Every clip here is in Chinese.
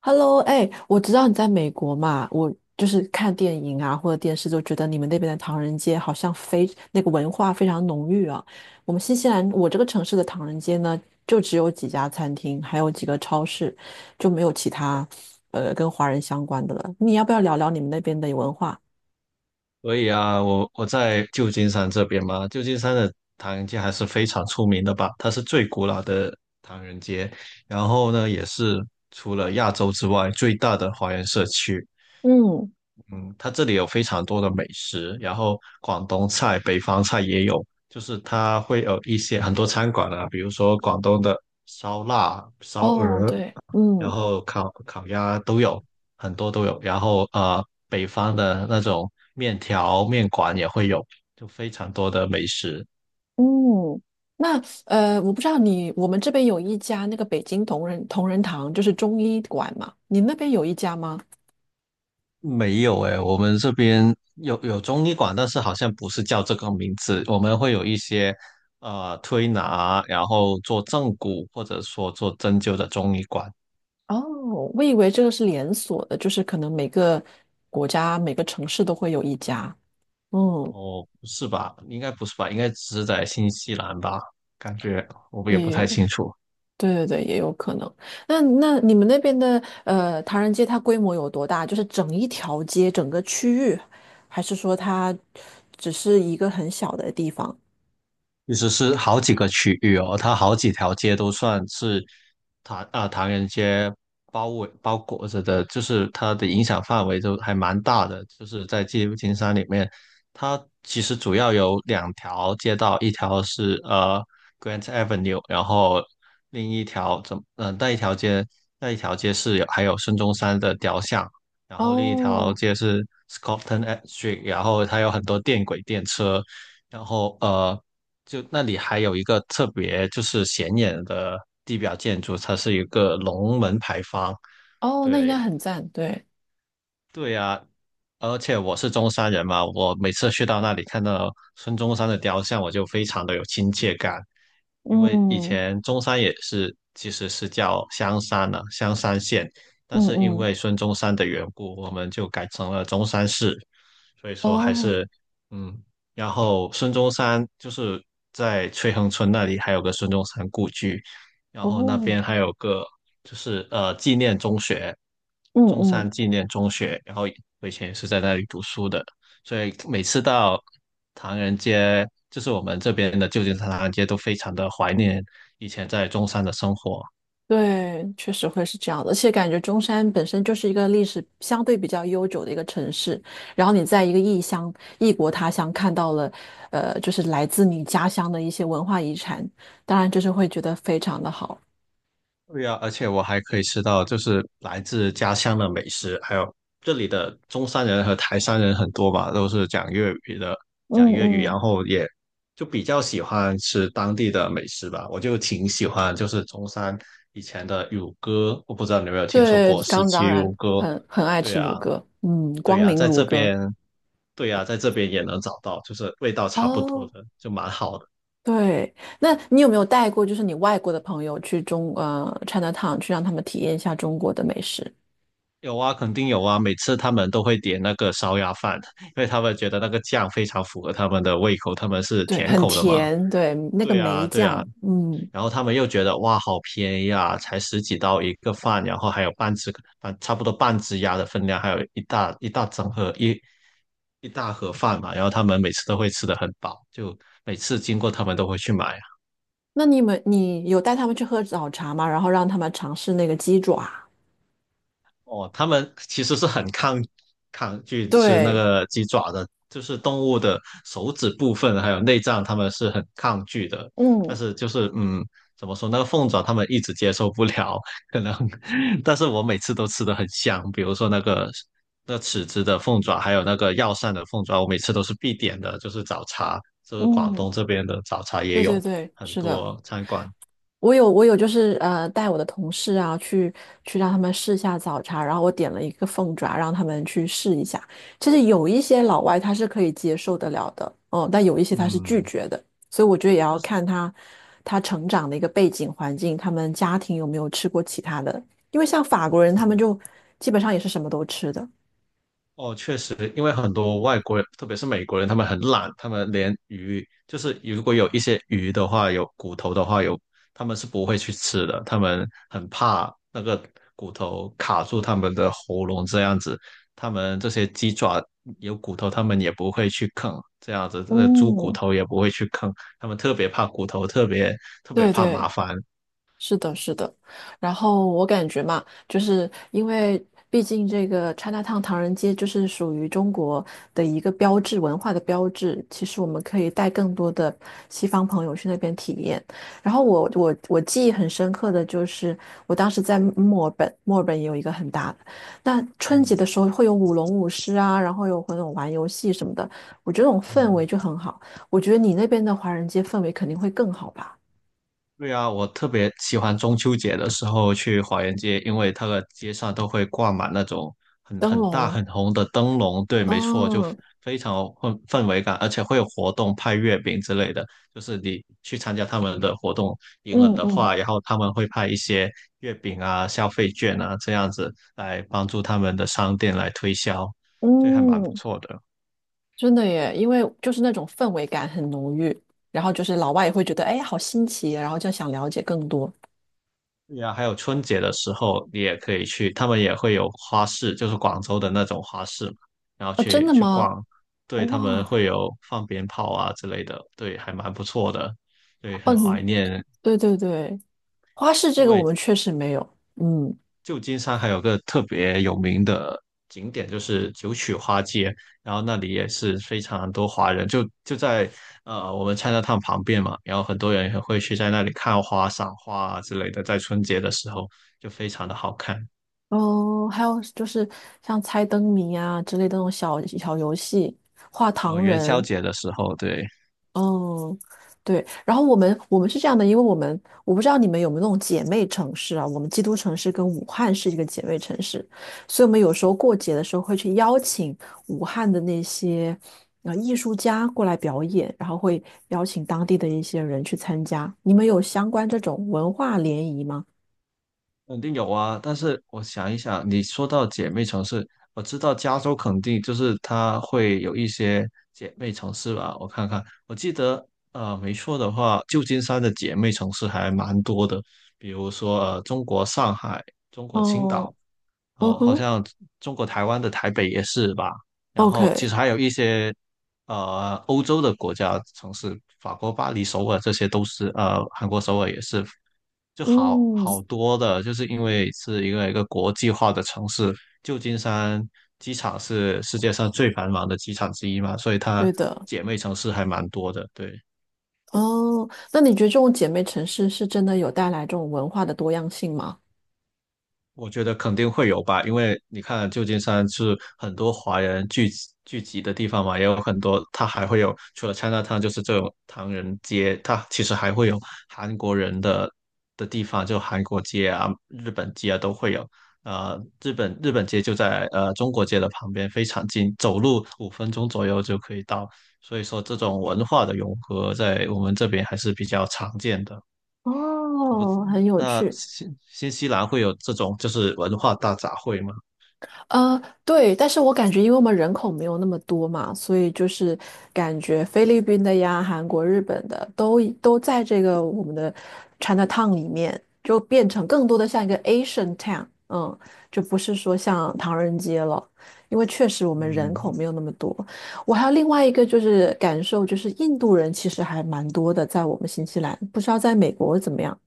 Hello，哎，我知道你在美国嘛，我就是看电影啊或者电视，就觉得你们那边的唐人街好像非那个文化非常浓郁啊。我们新西兰，我这个城市的唐人街呢，就只有几家餐厅，还有几个超市，就没有其他跟华人相关的了。你要不要聊聊你们那边的文化？所以啊，我在旧金山这边嘛，旧金山的唐人街还是非常出名的吧，它是最古老的唐人街，然后呢，也是除了亚洲之外最大的华人社区。嗯，嗯，它这里有非常多的美食，然后广东菜、北方菜也有，就是它会有一些很多餐馆啊，比如说广东的烧腊、烧哦，鹅，对，然嗯后烤鸭都有很多都有，然后北方的那种面条面馆也会有，就非常多的美食。嗯，那，我不知道你，我们这边有一家那个北京同仁堂，就是中医馆嘛，你那边有一家吗？没有诶，我们这边有中医馆，但是好像不是叫这个名字。我们会有一些推拿，然后做正骨或者说做针灸的中医馆。哦，我以为这个是连锁的，就是可能每个国家、每个城市都会有一家。嗯，哦，不是吧？应该不是吧？应该只是在新西兰吧？感觉我们也不也太有，清楚。对对对，也有可能。那你们那边的唐人街，它规模有多大？就是整一条街、整个区域，还是说它只是一个很小的地方？其实是好几个区域哦，它好几条街都算是唐人街包裹着的，就是它的影响范围都还蛮大的。就是在纪录金山里面，它其实主要有2条街道，一条是Grant Avenue，然后另一条那一条街是有还有孙中山的雕像，然后另一条哦街是 Scotland Street，然后它有很多电轨电车。然后就那里还有一个特别就是显眼的地表建筑，它是一个龙门牌坊。哦，那应该对，很赞，对，对呀，而且我是中山人嘛，我每次去到那里看到孙中山的雕像，我就非常的有亲切感，因为以嗯前中山也是其实是叫香山了、香山县，嗯但是因嗯，为孙中山的缘故，我们就改成了中山市。所以说还哦是嗯，然后孙中山就是在翠亨村那里还有个孙中山故居，然后那哦，边还有个就是纪念中学，嗯中嗯。山纪念中学，然后我以前也是在那里读书的，所以每次到唐人街，就是我们这边的旧金山唐人街都非常的怀念以前在中山的生活。对，确实会是这样的，而且感觉中山本身就是一个历史相对比较悠久的一个城市，然后你在一个异乡、异国他乡看到了，就是来自你家乡的一些文化遗产，当然就是会觉得非常的好。对呀，而且我还可以吃到就是来自家乡的美食，还有这里的中山人和台山人很多吧，都是讲粤语的，嗯讲粤语，嗯，然后也就比较喜欢吃当地的美食吧。我就挺喜欢，就是中山以前的乳鸽，我不知道你有没有听说对，过十刚七当然乳鸽？很爱对吃呀，卤鸽，嗯，对光呀，明在卤这鸽。边，对呀，在这边也能找到，就是味道差不多哦，的，就蛮好的。对，那你有没有带过就是你外国的朋友去Chinatown 去让他们体验一下中国的美食？有啊，肯定有啊。每次他们都会点那个烧鸭饭，因为他们觉得那个酱非常符合他们的胃口，他们是对，甜很口的嘛。甜，对，那个对梅啊，对酱，啊。嗯，然后他们又觉得哇，好便宜啊，才十几刀一个饭，然后还有半只，差不多半只鸭的分量，还有一大一大整盒一大盒饭嘛。然后他们每次都会吃的很饱，就每次经过他们都会去买。那你有带他们去喝早茶吗？然后让他们尝试那个鸡爪，哦，他们其实是很抗拒吃那对，个鸡爪的，就是动物的手指部分还有内脏，他们是很抗拒的。嗯但是就是怎么说那个凤爪他们一直接受不了，可能。但是我每次都吃的很香，比如说那尺子的凤爪，还有那个药膳的凤爪，我每次都是必点的，就是早茶，就是广东嗯，这边的早茶也对对有对，很是的，多餐馆。我有，就是，带我的同事啊，去让他们试一下早茶，然后我点了一个凤爪，让他们去试一下。其实有一些老外他是可以接受得了的，嗯，但有一些他是拒嗯，绝的，所以我觉得也要但是。看他成长的一个背景环境，他们家庭有没有吃过其他的，因为像法国人他们就基本上也是什么都吃的。哦，确实，因为很多外国人，特别是美国人，他们很懒，他们连鱼，就是如果有一些鱼的话，有骨头的话，他们是不会去吃的，他们很怕那个骨头卡住他们的喉咙这样子。他们这些鸡爪有骨头，他们也不会去啃，这样子，这个猪骨嗯，头也不会去啃，他们特别怕骨头，特别特别对怕对，麻烦。是的，是的，然后我感觉嘛，就是因为毕竟这个 Chinatown 唐人街就是属于中国的一个标志，文化的标志。其实我们可以带更多的西方朋友去那边体验。然后我记忆很深刻的就是，我当时在墨尔本，墨尔本也有一个很大的。那春节的嗯时候会有舞龙舞狮啊，然后有会那种玩游戏什么的，我觉得那种氛围嗯。就很好。我觉得你那边的华人街氛围肯定会更好吧，对啊，我特别喜欢中秋节的时候去华园街，因为它的街上都会挂满那种很灯很大笼。很红的灯笼。对，没错，就嗯，非常有氛围感，而且会有活动派月饼之类的。就是你去参加他们的活动，赢了嗯的嗯话，然后他们会派一些月饼啊、消费券啊这样子来帮助他们的商店来推销，这还蛮不嗯，错的。真的耶，因为就是那种氛围感很浓郁，然后就是老外也会觉得，哎，好新奇啊，然后就想了解更多。对呀，还有春节的时候，你也可以去，他们也会有花市，就是广州的那种花市嘛，然后哦，真的去吗？逛，对，他们哇，会有放鞭炮啊之类的，对，还蛮不错的，对，很嗯，怀你念，对对对，花式因这个我为们确实没有。嗯，旧金山还有个特别有名的景点就是九曲花街，然后那里也是非常多华人，就在我们 Chinatown 旁边嘛，然后很多人也会去在那里看花、赏花啊之类的，在春节的时候就非常的好看。哦，还有就是像猜灯谜啊之类的那种小小游戏，画哦，糖元宵人，节的时候，对，哦，对，然后我们是这样的，因为我们我不知道你们有没有那种姐妹城市啊，我们基督城市跟武汉是一个姐妹城市，所以我们有时候过节的时候会去邀请武汉的那些艺术家过来表演，然后会邀请当地的一些人去参加。你们有相关这种文化联谊吗？肯定有啊。但是我想一想，你说到姐妹城市，我知道加州肯定就是它会有一些姐妹城市吧？我看看，我记得没错的话，旧金山的姐妹城市还蛮多的，比如说中国上海、中国青哦，岛，嗯哦，好哼像中国台湾的台北也是吧？然后其，OK，实还有一些欧洲的国家城市，法国巴黎、首尔这些都是，韩国首尔也是就好嗯，好多的，就是因为是一个国际化的城市，旧金山机场是世界上最繁忙的机场之一嘛，所以它对的，姐妹城市还蛮多的，对。哦，那你觉得这种姐妹城市是真的有带来这种文化的多样性吗？我觉得肯定会有吧，因为你看旧金山是很多华人聚集的地方嘛，也有很多，它还会有除了 Chinatown 就是这种唐人街，它其实还会有韩国人的地方，就韩国街啊、日本街啊都会有。呃，日本街就在中国街的旁边，非常近，走路5分钟左右就可以到。所以说，这种文化的融合在我们这边还是比较常见的。我不知，哦，很有那趣。新西兰会有这种就是文化大杂烩吗？对，但是我感觉，因为我们人口没有那么多嘛，所以就是感觉菲律宾的呀、韩国、日本的都在这个我们的 China Town 里面，就变成更多的像一个 Asian Town，嗯，就不是说像唐人街了，因为确实我们人口嗯，没有那么多。我还有另外一个就是感受，就是印度人其实还蛮多的，在我们新西兰，不知道在美国怎么样。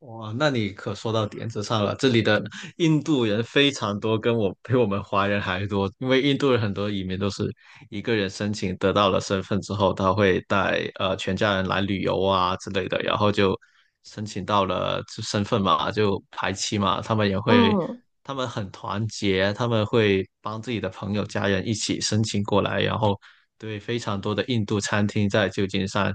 哇，那你可说到点子上了。这里的印度人非常多，跟我比我们华人还多。因为印度人很多移民都是一个人申请得到了身份之后，他会带全家人来旅游啊之类的，然后就申请到了就身份嘛，就排期嘛。他们也会，嗯，他们很团结，他们会帮自己的朋友、家人一起申请过来，然后对非常多的印度餐厅在旧金山。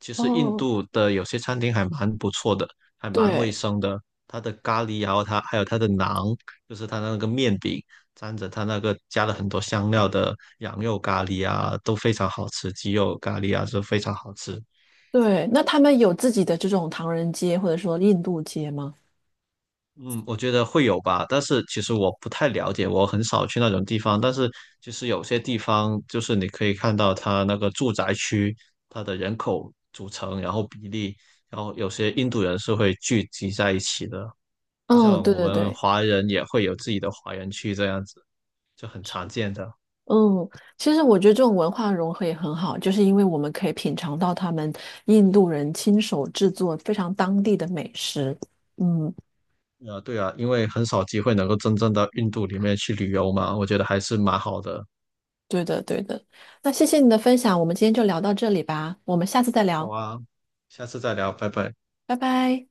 其实印哦，度的有些餐厅还蛮不错的，还蛮卫对。生的。它的咖喱啊，然后它还有它的馕，就是它那个面饼，沾着它那个加了很多香料的羊肉咖喱啊，都非常好吃。鸡肉咖喱啊，是非常好吃。对，那他们有自己的这种唐人街或者说印度街吗？嗯，我觉得会有吧，但是其实我不太了解，我很少去那种地方。但是其实有些地方，就是你可以看到它那个住宅区，它的人口组成，然后比例，然后有些印度人是会聚集在一起的，就嗯，像对我对们对，华人也会有自己的华人区这样子。就很常见的。嗯，其实我觉得这种文化融合也很好，就是因为我们可以品尝到他们印度人亲手制作非常当地的美食。嗯，对啊，因为很少机会能够真正到印度里面去旅游嘛，我觉得还是蛮好的。对的对的。那谢谢你的分享，我们今天就聊到这里吧，我们下次再好聊，啊，下次再聊，拜拜。拜拜。